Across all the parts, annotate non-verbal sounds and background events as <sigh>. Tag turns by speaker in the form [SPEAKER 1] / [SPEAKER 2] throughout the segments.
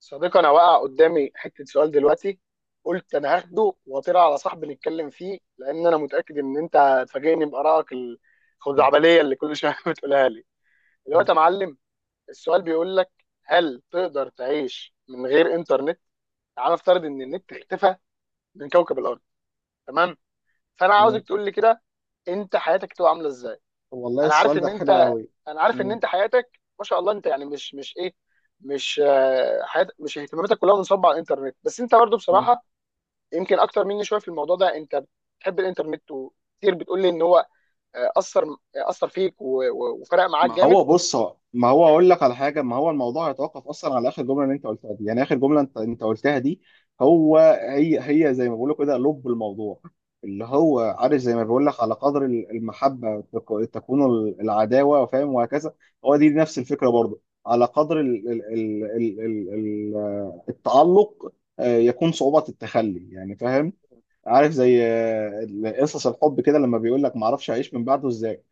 [SPEAKER 1] صديقي، انا واقع قدامي حته سؤال دلوقتي. قلت انا هاخده واطير على صاحبي نتكلم فيه لان انا متاكد ان انت هتفاجئني بارائك
[SPEAKER 2] مم.
[SPEAKER 1] الخزعبليه اللي كل شويه <laughs> بتقولها لي. دلوقتي يا معلم، السؤال بيقول لك: هل تقدر تعيش من غير انترنت؟ تعال نفترض ان النت اختفى من كوكب الارض، تمام؟ فانا عاوزك
[SPEAKER 2] مم.
[SPEAKER 1] تقول لي كده، انت حياتك تبقى عامله ازاي.
[SPEAKER 2] والله
[SPEAKER 1] انا عارف
[SPEAKER 2] السؤال
[SPEAKER 1] ان
[SPEAKER 2] ده
[SPEAKER 1] انت
[SPEAKER 2] حلو قوي.
[SPEAKER 1] انا عارف ان
[SPEAKER 2] مم.
[SPEAKER 1] انت حياتك ما شاء الله، انت يعني مش ايه، مش حيات، مش اهتماماتك كلها منصبه على الانترنت، بس انت برضو
[SPEAKER 2] مم.
[SPEAKER 1] بصراحه يمكن اكتر مني شويه في الموضوع ده. انت بتحب الانترنت وكتير بتقول لي ان هو آه، اثر آه، اثر فيك و- و- وفرق معاك
[SPEAKER 2] ما
[SPEAKER 1] جامد.
[SPEAKER 2] هو بص، هو ما هو اقول لك على حاجه، ما هو الموضوع هيتوقف اصلا على اخر جمله اللي انت قلتها دي. يعني اخر جمله انت قلتها دي هو هي. هي زي ما بقول كده لب الموضوع اللي
[SPEAKER 1] مم.
[SPEAKER 2] هو، عارف، زي ما بقول لك على قدر ال- المحبه تك- تكون ال- العداوه، فاهم، وهكذا. هو دي نفس الفكره برضه على قدر ال التعلق، يكون صعوبه التخلي يعني، فاهم. عارف زي قصص الحب كده لما بيقول لك ما اعرفش اعيش من بعده ازاي،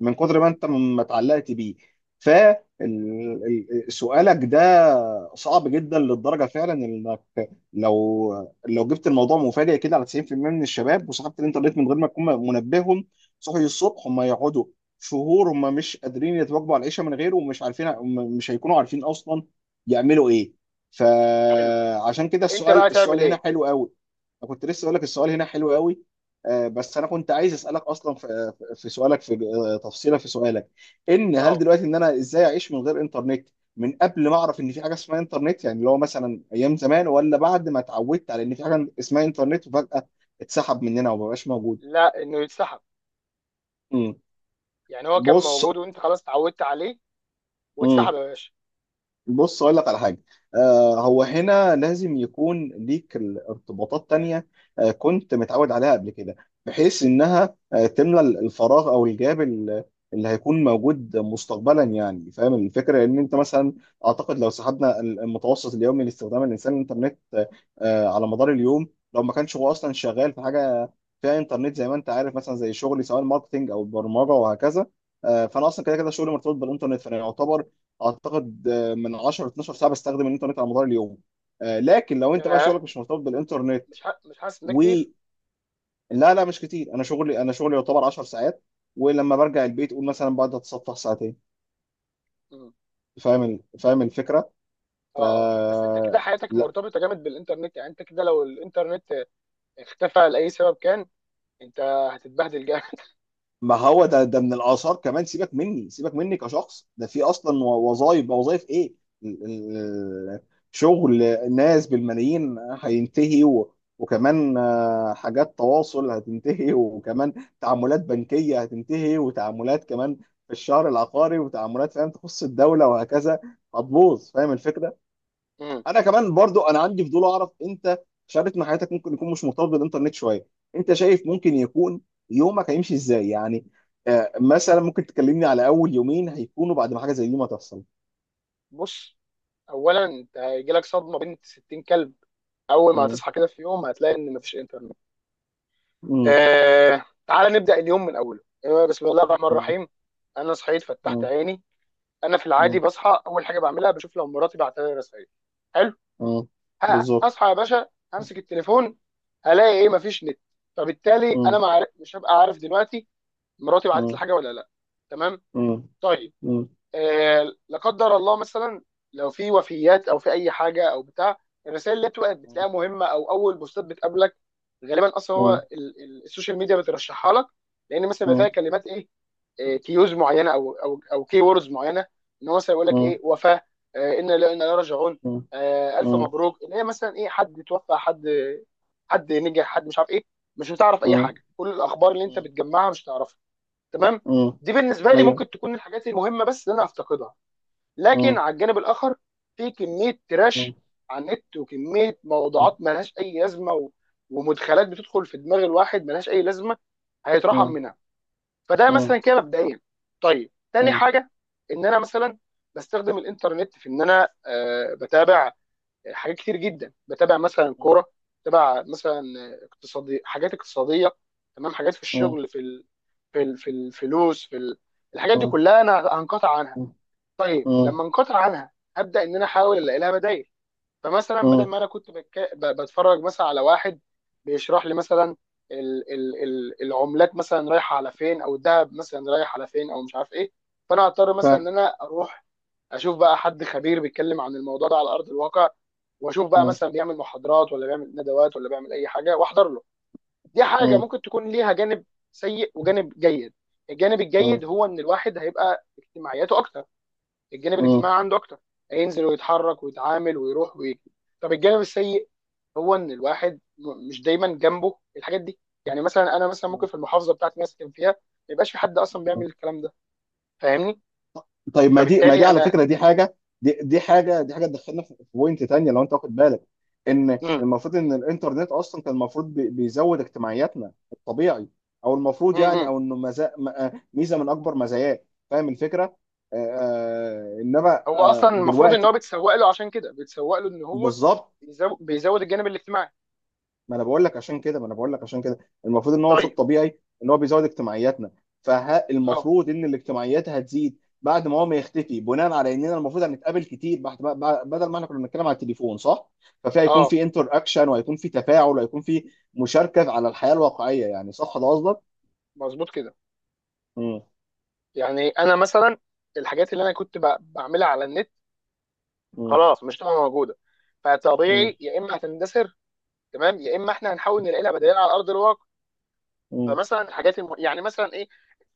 [SPEAKER 2] من كتر ما انت ما اتعلقت بيه. فسؤالك ده صعب جدا للدرجه، فعلا، انك لو لو جبت الموضوع مفاجئ كده على 90% من الشباب وسحبت الانترنت من غير ما تكون منبههم، صحي الصبح هم يقعدوا شهور هم مش قادرين يتواجبوا على العيشه من غيره، ومش عارفين، هم مش هيكونوا عارفين اصلا يعملوا ايه.
[SPEAKER 1] حلو،
[SPEAKER 2] فعشان كده
[SPEAKER 1] انت بقى
[SPEAKER 2] السؤال
[SPEAKER 1] تعمل
[SPEAKER 2] هنا
[SPEAKER 1] ايه؟
[SPEAKER 2] حلو قوي. وكنت لسه اقول لك السؤال هنا حلو قوي. بس انا كنت عايز اسالك اصلا في سؤالك في تفصيله في سؤالك. ان هل
[SPEAKER 1] اه،
[SPEAKER 2] دلوقتي ان انا ازاي اعيش من غير انترنت، من قبل ما اعرف ان في حاجه اسمها انترنت يعني اللي هو مثلا ايام زمان، ولا بعد ما اتعودت على ان في حاجه اسمها انترنت وفجاه اتسحب مننا ومبقاش موجود؟
[SPEAKER 1] لا انه يتسحب،
[SPEAKER 2] مم.
[SPEAKER 1] يعني هو كان
[SPEAKER 2] بص.
[SPEAKER 1] موجود وانت خلاص اتعودت عليه
[SPEAKER 2] مم.
[SPEAKER 1] واتسحب يا باشا.
[SPEAKER 2] بص اقول لك على حاجه. آه، هو هنا لازم يكون ليك ارتباطات تانية آه كنت متعود عليها قبل كده، بحيث انها تملى الفراغ او الجاب ال- اللي هيكون موجود مستقبلا. يعني فاهم الفكره، ان انت مثلا، اعتقد لو سحبنا المتوسط اليومي لاستخدام الانسان الانترنت على مدار اليوم، لو ما كانش هو اصلا شغال في حاجه فيها انترنت زي ما انت عارف، مثلا زي شغلي سواء ماركتنج او برمجه وهكذا. فانا اصلا كده كده شغلي مرتبط بالانترنت، فانا يعتبر، اعتقد، من 10 ل 12 ساعه بستخدم الانترنت على مدار اليوم. لكن لو انت بقى
[SPEAKER 1] ياه،
[SPEAKER 2] شغلك مش مرتبط بالانترنت
[SPEAKER 1] مش حاسس ان ده
[SPEAKER 2] و،
[SPEAKER 1] كتير؟
[SPEAKER 2] لا لا، مش كتير، انا شغلي، انا شغلي يعتبر 10 ساعات، ولما برجع البيت قول مثلا بقعد اتسطح ساعتين.
[SPEAKER 1] مم.
[SPEAKER 2] فاهم ال- فاهم الفكره. ف،
[SPEAKER 1] اه اه، بس انت كده حياتك مرتبطه جامد بالانترنت، يعني انت كده لو الانترنت اختفى لاي سبب كان، انت هتتبهدل جامد.
[SPEAKER 2] ما هو ده ده من الاثار كمان. سيبك مني، سيبك مني كشخص، ده في اصلا وظائف، وظائف ايه، ال- ال- شغل ناس بالملايين هينتهي و- وكمان حاجات تواصل هتنتهي <laughs> وكمان تعاملات بنكية هتنتهي، وتعاملات كمان في الشهر العقاري، وتعاملات فاهم تخص الدولة وهكذا، هتبوظ. فاهم الفكرة.
[SPEAKER 1] <laughs> امم.
[SPEAKER 2] انا كمان برضو انا عندي فضول اعرف، انت في شريط من حياتك ممكن يكون مش مرتبط بالانترنت شويه، انت شايف ممكن يكون يومك هيمشي ازاي يعني؟ مثلا ممكن تكلمني على اول يومين هيكونوا بعد ما حاجه زي دي ما تحصل.
[SPEAKER 1] بص، اولا انت هيجي لك صدمه بنت 60 كلب، اول ما
[SPEAKER 2] مم.
[SPEAKER 1] هتصحى كده في يوم هتلاقي ان مفيش انترنت.
[SPEAKER 2] مم.
[SPEAKER 1] آه، تعال نبدا اليوم من اوله. بسم الله الرحمن
[SPEAKER 2] مم.
[SPEAKER 1] الرحيم. انا صحيت فتحت
[SPEAKER 2] مم.
[SPEAKER 1] عيني، انا في العادي
[SPEAKER 2] مم.
[SPEAKER 1] بصحى اول حاجه بعملها بشوف لو مراتي بعت لي رسائل. حلو،
[SPEAKER 2] مم.
[SPEAKER 1] ه-
[SPEAKER 2] بالظبط.
[SPEAKER 1] هصحى يا باشا امسك التليفون، هلاقي ايه؟ مفيش نت. فبالتالي انا
[SPEAKER 2] مم.
[SPEAKER 1] ما عارف- مش هبقى عارف دلوقتي مراتي بعتت لي
[SPEAKER 2] مم.
[SPEAKER 1] حاجه ولا لا، تمام؟
[SPEAKER 2] مم.
[SPEAKER 1] طيب،
[SPEAKER 2] مم.
[SPEAKER 1] لا قدر الله مثلا لو في وفيات او في اي حاجه او بتاع، الرسائل اللي بتبقى بتلاقيها مهمه او اول بوستات بتقابلك غالبا اصلا
[SPEAKER 2] مم.
[SPEAKER 1] هو السوشيال ميديا بترشحها لك، لان مثلا بيبقى فيها
[SPEAKER 2] مم.
[SPEAKER 1] كلمات ايه؟ كيوز معينه او كي ووردز معينه، ان هو مثلا يقول لك
[SPEAKER 2] مم.
[SPEAKER 1] ايه وفاه. انا لا، انا لا راجعون.
[SPEAKER 2] مم.
[SPEAKER 1] الف
[SPEAKER 2] مم.
[SPEAKER 1] مبروك، اللي هي مثلا ايه حد توفى، حد نجح، حد مش عارف ايه. مش هتعرف اي
[SPEAKER 2] مم.
[SPEAKER 1] حاجه، كل الاخبار اللي انت بتجمعها مش هتعرفها، تمام؟
[SPEAKER 2] مم.
[SPEAKER 1] دي بالنسبه لي
[SPEAKER 2] ايوه.
[SPEAKER 1] ممكن تكون الحاجات المهمه بس اللي انا افتقدها. لكن
[SPEAKER 2] مم.
[SPEAKER 1] على الجانب الاخر، في كميه
[SPEAKER 2] مم.
[SPEAKER 1] تراش على النت وكميه
[SPEAKER 2] مم.
[SPEAKER 1] موضوعات ملهاش اي لازمه، و... ومدخلات بتدخل في دماغ الواحد ملهاش اي لازمه، هيترحم
[SPEAKER 2] مم.
[SPEAKER 1] منها. فده
[SPEAKER 2] مم.
[SPEAKER 1] مثلا كده مبدئيا. طيب، تاني
[SPEAKER 2] مم.
[SPEAKER 1] حاجه، ان انا مثلا بستخدم الانترنت في ان انا بتابع حاجات كتير جدا، بتابع مثلا كوره، بتابع مثلا اقتصادي، حاجات اقتصاديه، تمام، حاجات في
[SPEAKER 2] مم.
[SPEAKER 1] الشغل، في الفلوس، الحاجات دي كلها انا هنقطع عنها.
[SPEAKER 2] مم.
[SPEAKER 1] طيب
[SPEAKER 2] مم.
[SPEAKER 1] لما انقطع عنها هبدا ان انا احاول الاقي لها بدائل، فمثلا بدل
[SPEAKER 2] مم.
[SPEAKER 1] ما انا بتفرج مثلا على واحد بيشرح لي مثلا العملات مثلا رايحه على فين، او الذهب مثلا رايح على فين، او مش عارف ايه. فانا هضطر
[SPEAKER 2] ف
[SPEAKER 1] مثلا
[SPEAKER 2] اه.
[SPEAKER 1] ان انا اروح اشوف بقى حد خبير بيتكلم عن الموضوع ده على ارض الواقع، واشوف بقى
[SPEAKER 2] اه.
[SPEAKER 1] مثلا بيعمل محاضرات ولا بيعمل ندوات ولا بيعمل اي حاجه واحضر له. دي حاجه
[SPEAKER 2] اه.
[SPEAKER 1] ممكن تكون ليها جانب سيء وجانب جيد. الجانب الجيد
[SPEAKER 2] اه.
[SPEAKER 1] هو ان الواحد هيبقى اجتماعياته اكتر، الجانب
[SPEAKER 2] آه.
[SPEAKER 1] الاجتماعي عنده اكتر، هينزل ويتحرك ويتعامل ويروح ويجي. طب الجانب السيء هو ان الواحد مش دايما جنبه الحاجات دي، يعني مثلا انا مثلا ممكن في المحافظه بتاعتي اللي أنا ساكن فيها ما يبقاش في حد اصلا
[SPEAKER 2] آه.
[SPEAKER 1] بيعمل الكلام ده، فاهمني؟
[SPEAKER 2] طيب، ما دي، ما دي
[SPEAKER 1] فبالتالي
[SPEAKER 2] على
[SPEAKER 1] انا.
[SPEAKER 2] فكره دي حاجه، دي دي حاجه، دي حاجه تدخلنا في في بوينت تانية، لو انت واخد بالك، ان
[SPEAKER 1] مم.
[SPEAKER 2] المفروض ان الانترنت اصلا كان المفروض بي- بيزود اجتماعياتنا الطبيعي، او المفروض يعني
[SPEAKER 1] مم.
[SPEAKER 2] او انه مزا... م- ميزه من اكبر مزاياه. فاهم الفكره؟ آه انما،
[SPEAKER 1] هو اصلا
[SPEAKER 2] آه
[SPEAKER 1] المفروض ان
[SPEAKER 2] دلوقتي،
[SPEAKER 1] هو بيتسوق له، عشان كده بيتسوق له ان هو
[SPEAKER 2] بالظبط.
[SPEAKER 1] بيزود الجانب الاجتماعي.
[SPEAKER 2] ما انا بقول لك عشان كده، ما انا بقول لك عشان كده المفروض ان هو في
[SPEAKER 1] طيب
[SPEAKER 2] الطبيعي ان هو بيزود اجتماعياتنا.
[SPEAKER 1] اه
[SPEAKER 2] فالمفروض ان الاجتماعيات هتزيد بعد ما هو ما يختفي، بناء على اننا المفروض هنتقابل كتير بعد ما- بعد- بدل ما احنا كنا بنتكلم على التليفون، صح؟ ففي هيكون
[SPEAKER 1] اه،
[SPEAKER 2] في انتر اكشن، وهيكون في تفاعل، وهيكون في مشاركه على الحياه الواقعيه يعني، صح ده قصدك؟
[SPEAKER 1] مظبوط كده.
[SPEAKER 2] مم.
[SPEAKER 1] يعني انا مثلا الحاجات اللي انا بعملها على النت
[SPEAKER 2] مم.
[SPEAKER 1] خلاص مش هتبقى موجوده،
[SPEAKER 2] مم.
[SPEAKER 1] فطبيعي يا اما هتندثر، تمام، يا اما احنا هنحاول نلاقي لها بدائل على ارض الواقع.
[SPEAKER 2] مم.
[SPEAKER 1] فمثلا يعني مثلا ايه،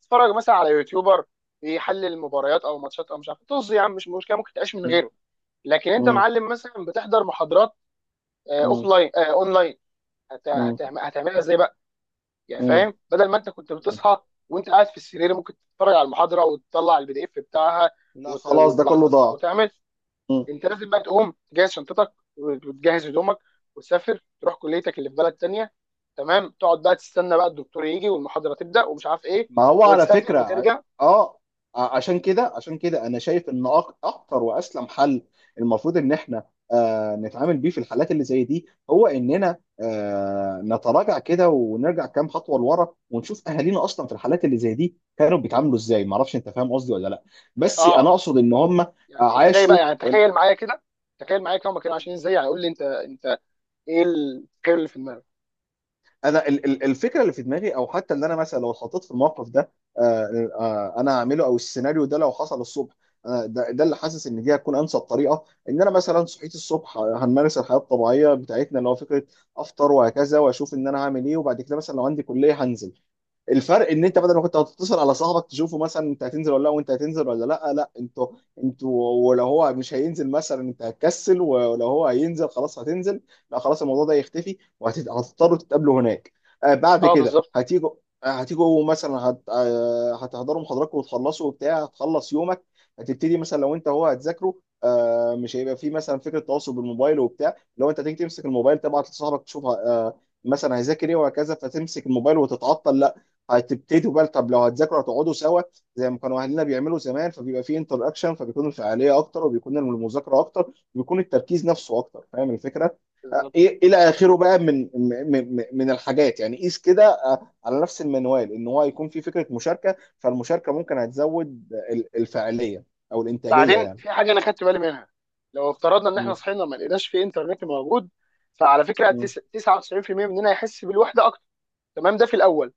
[SPEAKER 1] تتفرج مثلا على يوتيوبر بيحلل مباريات او ماتشات او مش عارف إيه. طز يا عم، مش مشكله، ممكن تعيش من غيره. لكن انت
[SPEAKER 2] مم.
[SPEAKER 1] معلم مثلا بتحضر محاضرات اوف
[SPEAKER 2] مم.
[SPEAKER 1] لاين، اون
[SPEAKER 2] مم.
[SPEAKER 1] هتعملها ازاي بقى؟ يعني
[SPEAKER 2] مم.
[SPEAKER 1] فاهم، بدل ما انت كنت بتصحى وانت قاعد في السرير ممكن تتفرج على المحاضره وتطلع البي دي اف بتاعها
[SPEAKER 2] لا، خلاص، ده كله
[SPEAKER 1] وتلخصها
[SPEAKER 2] ضاع.
[SPEAKER 1] وتعمل،
[SPEAKER 2] مم.
[SPEAKER 1] انت لازم بقى تقوم تجهز شنطتك وتجهز هدومك وتسافر تروح كليتك اللي في بلد تانية، تمام، تقعد بقى تستنى بقى الدكتور يجي والمحاضره تبدا ومش عارف ايه،
[SPEAKER 2] ما هو على
[SPEAKER 1] وتسافر
[SPEAKER 2] فكرة ع-،
[SPEAKER 1] وترجع.
[SPEAKER 2] اه، ع- عشان كده، عشان كده انا شايف ان أك- اكتر واسلم حل المفروض ان احنا نتعامل بيه في الحالات اللي زي دي، هو اننا نتراجع كده ونرجع كام خطوة لورا، ونشوف اهالينا اصلا في الحالات اللي زي دي كانوا بيتعاملوا ازاي. ما اعرفش انت فاهم قصدي ولا لا؟ بس انا
[SPEAKER 1] اه،
[SPEAKER 2] اقصد ان هم
[SPEAKER 1] يعني ازاي
[SPEAKER 2] عاشوا.
[SPEAKER 1] بقى، يعني تخيل معايا كده، تخيل معايا كده هما كانوا عشان ازاي، يعني قول لي انت، ايه التخيل اللي في دماغك؟
[SPEAKER 2] انا ال- ال- الفكره اللي في دماغي، او حتى اللي انا مثلا لو اتحطيت في الموقف ده انا هعمله، او السيناريو ده لو حصل الصبح، ده ده اللي حاسس ان دي هتكون انسب طريقه. ان انا مثلا صحيت الصبح، هنمارس الحياه الطبيعيه بتاعتنا، اللي هو فكره افطر وهكذا، واشوف ان انا هعمل ايه، وبعد كده مثلا لو عندي كليه هنزل. الفرق ان انت بدل ما كنت هتتصل على صاحبك تشوفه، مثلا انت هتنزل ولا لا وانت هتنزل ولا لا، لا انتوا، انتوا ولو هو مش هينزل مثلا انت هتكسل، ولو هو هينزل خلاص هتنزل. لا خلاص الموضوع ده يختفي، وهتضطروا تتقابلوا هناك. آه بعد
[SPEAKER 1] اه،
[SPEAKER 2] كده
[SPEAKER 1] بالظبط
[SPEAKER 2] هتيجوا، هتيجوا مثلا هت... هتحضروا محاضراتكم وتخلصوا وبتاع، هتخلص يومك، هتبتدي مثلا لو انت هو هتذاكره. مش هيبقى في مثلا فكره تواصل بالموبايل وبتاع، لو انت تيجي تمسك الموبايل تبعت لصاحبك تشوف مثلا هيذاكر ايه وهكذا، فتمسك الموبايل وتتعطل. هتبتدوا بقى، طب لو هتذاكروا هتقعدوا سوا زي ما كانوا اهلنا بيعملوا زمان، فبيبقى في انتر اكشن، فبيكون الفعاليه اكتر، وبيكون المذاكره اكتر، وبيكون التركيز نفسه اكتر. فاهم الفكره؟
[SPEAKER 1] بالظبط
[SPEAKER 2] ايه الى
[SPEAKER 1] بالظبط.
[SPEAKER 2] اخره بقى من من من من الحاجات يعني. قيس كده على نفس المنوال ان هو هيكون في فكره مشاركه، فالمشاركه ممكن هتزود ال- الفعاليه او الانتاجيه
[SPEAKER 1] بعدين
[SPEAKER 2] يعني.
[SPEAKER 1] في حاجه انا خدت بالي منها، لو افترضنا ان احنا
[SPEAKER 2] مم.
[SPEAKER 1] صحينا ما لقيناش في انترنت موجود، فعلى فكره
[SPEAKER 2] مم.
[SPEAKER 1] 99% مننا هيحس بالوحده اكتر، تمام، ده في الاول،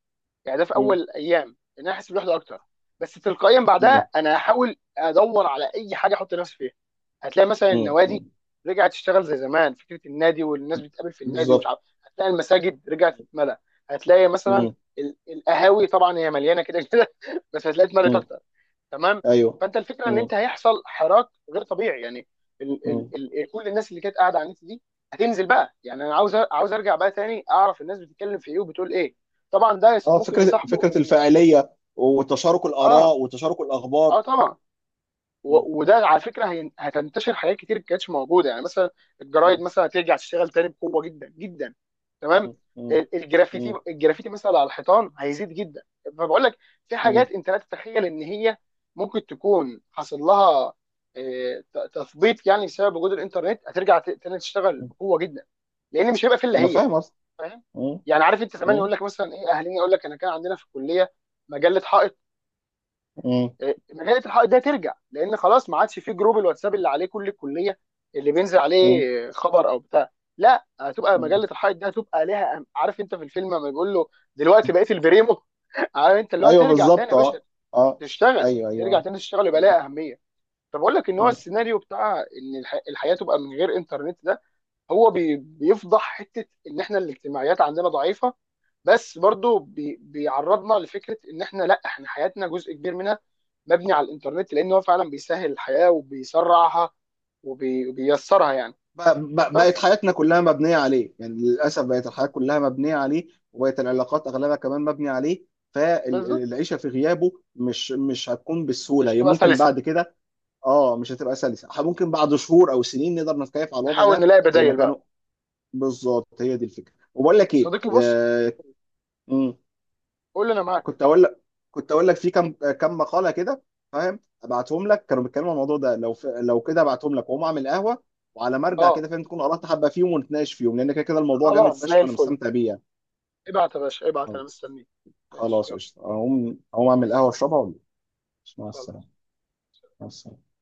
[SPEAKER 1] يعني ده في
[SPEAKER 2] مم.
[SPEAKER 1] اول ايام ان انا احس بالوحده اكتر. بس تلقائيا
[SPEAKER 2] مم.
[SPEAKER 1] بعدها انا هحاول ادور على اي حاجه احط نفسي فيها، هتلاقي مثلا
[SPEAKER 2] مم.
[SPEAKER 1] النوادي
[SPEAKER 2] مم.
[SPEAKER 1] رجعت تشتغل زي زمان، فكره النادي والناس بتقابل في النادي ومش
[SPEAKER 2] بالظبط.
[SPEAKER 1] عارف، هتلاقي المساجد رجعت تتملى، هتلاقي مثلا
[SPEAKER 2] مم.
[SPEAKER 1] القهاوي طبعا هي مليانه كده كده <laughs> بس هتلاقي اتملت
[SPEAKER 2] مم.
[SPEAKER 1] اكتر، تمام.
[SPEAKER 2] ايوه.
[SPEAKER 1] فانت الفكره ان
[SPEAKER 2] مم.
[SPEAKER 1] انت هيحصل حراك غير طبيعي، يعني ال
[SPEAKER 2] مم.
[SPEAKER 1] ال ال كل الناس اللي كانت قاعده على النت دي هتنزل بقى، يعني انا عاوز ارجع بقى تاني اعرف الناس بتتكلم في ايه وبتقول ايه. طبعا ده
[SPEAKER 2] اه،
[SPEAKER 1] ممكن
[SPEAKER 2] فكره،
[SPEAKER 1] يصاحبه
[SPEAKER 2] فكره
[SPEAKER 1] ان
[SPEAKER 2] الفاعليه وتشارك
[SPEAKER 1] اه
[SPEAKER 2] الاراء وتشارك الاخبار.
[SPEAKER 1] اه طبعا،
[SPEAKER 2] م-
[SPEAKER 1] وده على فكره هتنتشر حاجات كتير ما كانتش موجوده، يعني مثلا الجرايد
[SPEAKER 2] م-
[SPEAKER 1] مثلا هترجع تشتغل تاني بقوه جدا جدا، تمام.
[SPEAKER 2] م- م-
[SPEAKER 1] الجرافيتي،
[SPEAKER 2] م-
[SPEAKER 1] الجرافيتي مثلا على الحيطان هيزيد جدا. فبقول لك في
[SPEAKER 2] م-
[SPEAKER 1] حاجات انت لا تتخيل ان هي ممكن تكون حصل لها تثبيط يعني بسبب وجود الانترنت، هترجع تاني تشتغل
[SPEAKER 2] م.
[SPEAKER 1] بقوه جدا، لان مش هيبقى في الا
[SPEAKER 2] انا
[SPEAKER 1] هي،
[SPEAKER 2] فاهم اصلا.
[SPEAKER 1] فاهم؟
[SPEAKER 2] م-
[SPEAKER 1] يعني عارف انت زمان
[SPEAKER 2] م-
[SPEAKER 1] يقول لك مثلا ايه، اهلنا يقول لك انا كان عندنا في الكليه مجله حائط،
[SPEAKER 2] م-
[SPEAKER 1] مجله الحائط ده ترجع لان خلاص ما عادش في جروب الواتساب اللي عليه كل الكليه اللي بينزل
[SPEAKER 2] م-
[SPEAKER 1] عليه خبر او بتاع، لا هتبقى
[SPEAKER 2] م.
[SPEAKER 1] مجله الحائط ده هتبقى ليها عارف انت في الفيلم لما بيقول له دلوقتي بقيت البريمو. <laughs> عارف انت اللي هو
[SPEAKER 2] ايوه
[SPEAKER 1] ترجع تاني
[SPEAKER 2] بالظبط.
[SPEAKER 1] يا باشا
[SPEAKER 2] اه. اه
[SPEAKER 1] تشتغل،
[SPEAKER 2] ايوه
[SPEAKER 1] ترجع
[SPEAKER 2] ايوه.
[SPEAKER 1] تاني تشتغل يبقى
[SPEAKER 2] م-
[SPEAKER 1] ليها اهميه. فبقول لك ان هو
[SPEAKER 2] م.
[SPEAKER 1] السيناريو بتاع ان الحياه تبقى من غير انترنت ده، هو بيفضح حته ان احنا الاجتماعيات عندنا ضعيفه، بس برضو بيعرضنا لفكره ان احنا لا، احنا حياتنا جزء كبير منها مبني على الانترنت، لان هو فعلا بيسهل الحياه وبيسرعها وبي- وبييسرها يعني،
[SPEAKER 2] ب- ب- بقت
[SPEAKER 1] بس.
[SPEAKER 2] حياتنا كلها مبنيه عليه، يعني للاسف بقت الحياه كلها مبنيه عليه، وبقت العلاقات اغلبها كمان مبنيه عليه.
[SPEAKER 1] بالظبط،
[SPEAKER 2] فالعيشه في غيابه مش مش هتكون بالسهوله،
[SPEAKER 1] مش
[SPEAKER 2] هي
[SPEAKER 1] تبقى
[SPEAKER 2] ممكن
[SPEAKER 1] سلسه.
[SPEAKER 2] بعد كده، اه مش هتبقى سلسه. ح- ممكن بعد شهور او سنين نقدر نتكيف على الوضع
[SPEAKER 1] نحاول
[SPEAKER 2] ده
[SPEAKER 1] نلاقي
[SPEAKER 2] زي ما
[SPEAKER 1] بدايل
[SPEAKER 2] كانوا.
[SPEAKER 1] بقى.
[SPEAKER 2] بالظبط هي دي الفكره. وبقول لك ايه
[SPEAKER 1] صديقي بص،
[SPEAKER 2] آه، مم،
[SPEAKER 1] قول لي انا معاك.
[SPEAKER 2] كنت اقول لك، كنت اقول لك في كم كم مقاله كده، فاهم، ابعتهم لك كانوا بيتكلموا عن الموضوع ده، لو ف... لو كده ابعتهم لك واقوم اعمل قهوه، وعلى ما ارجع
[SPEAKER 1] اه،
[SPEAKER 2] كده فاهم تكون قرات حبه فيهم ونتناقش فيهم، لان كده كده الموضوع جامد
[SPEAKER 1] خلاص، زي
[SPEAKER 2] فشخ وانا
[SPEAKER 1] الفل،
[SPEAKER 2] مستمتع بيه يعني.
[SPEAKER 1] ابعت يا باشا ابعت، انا
[SPEAKER 2] طيب،
[SPEAKER 1] مستنيك. ماشي،
[SPEAKER 2] خلاص
[SPEAKER 1] يلا،
[SPEAKER 2] قشطه، اقوم، اقوم
[SPEAKER 1] مع
[SPEAKER 2] اعمل قهوه
[SPEAKER 1] السلامه،
[SPEAKER 2] اشربها ولا؟ مع
[SPEAKER 1] خلاص.
[SPEAKER 2] السلامه. مع السلامه.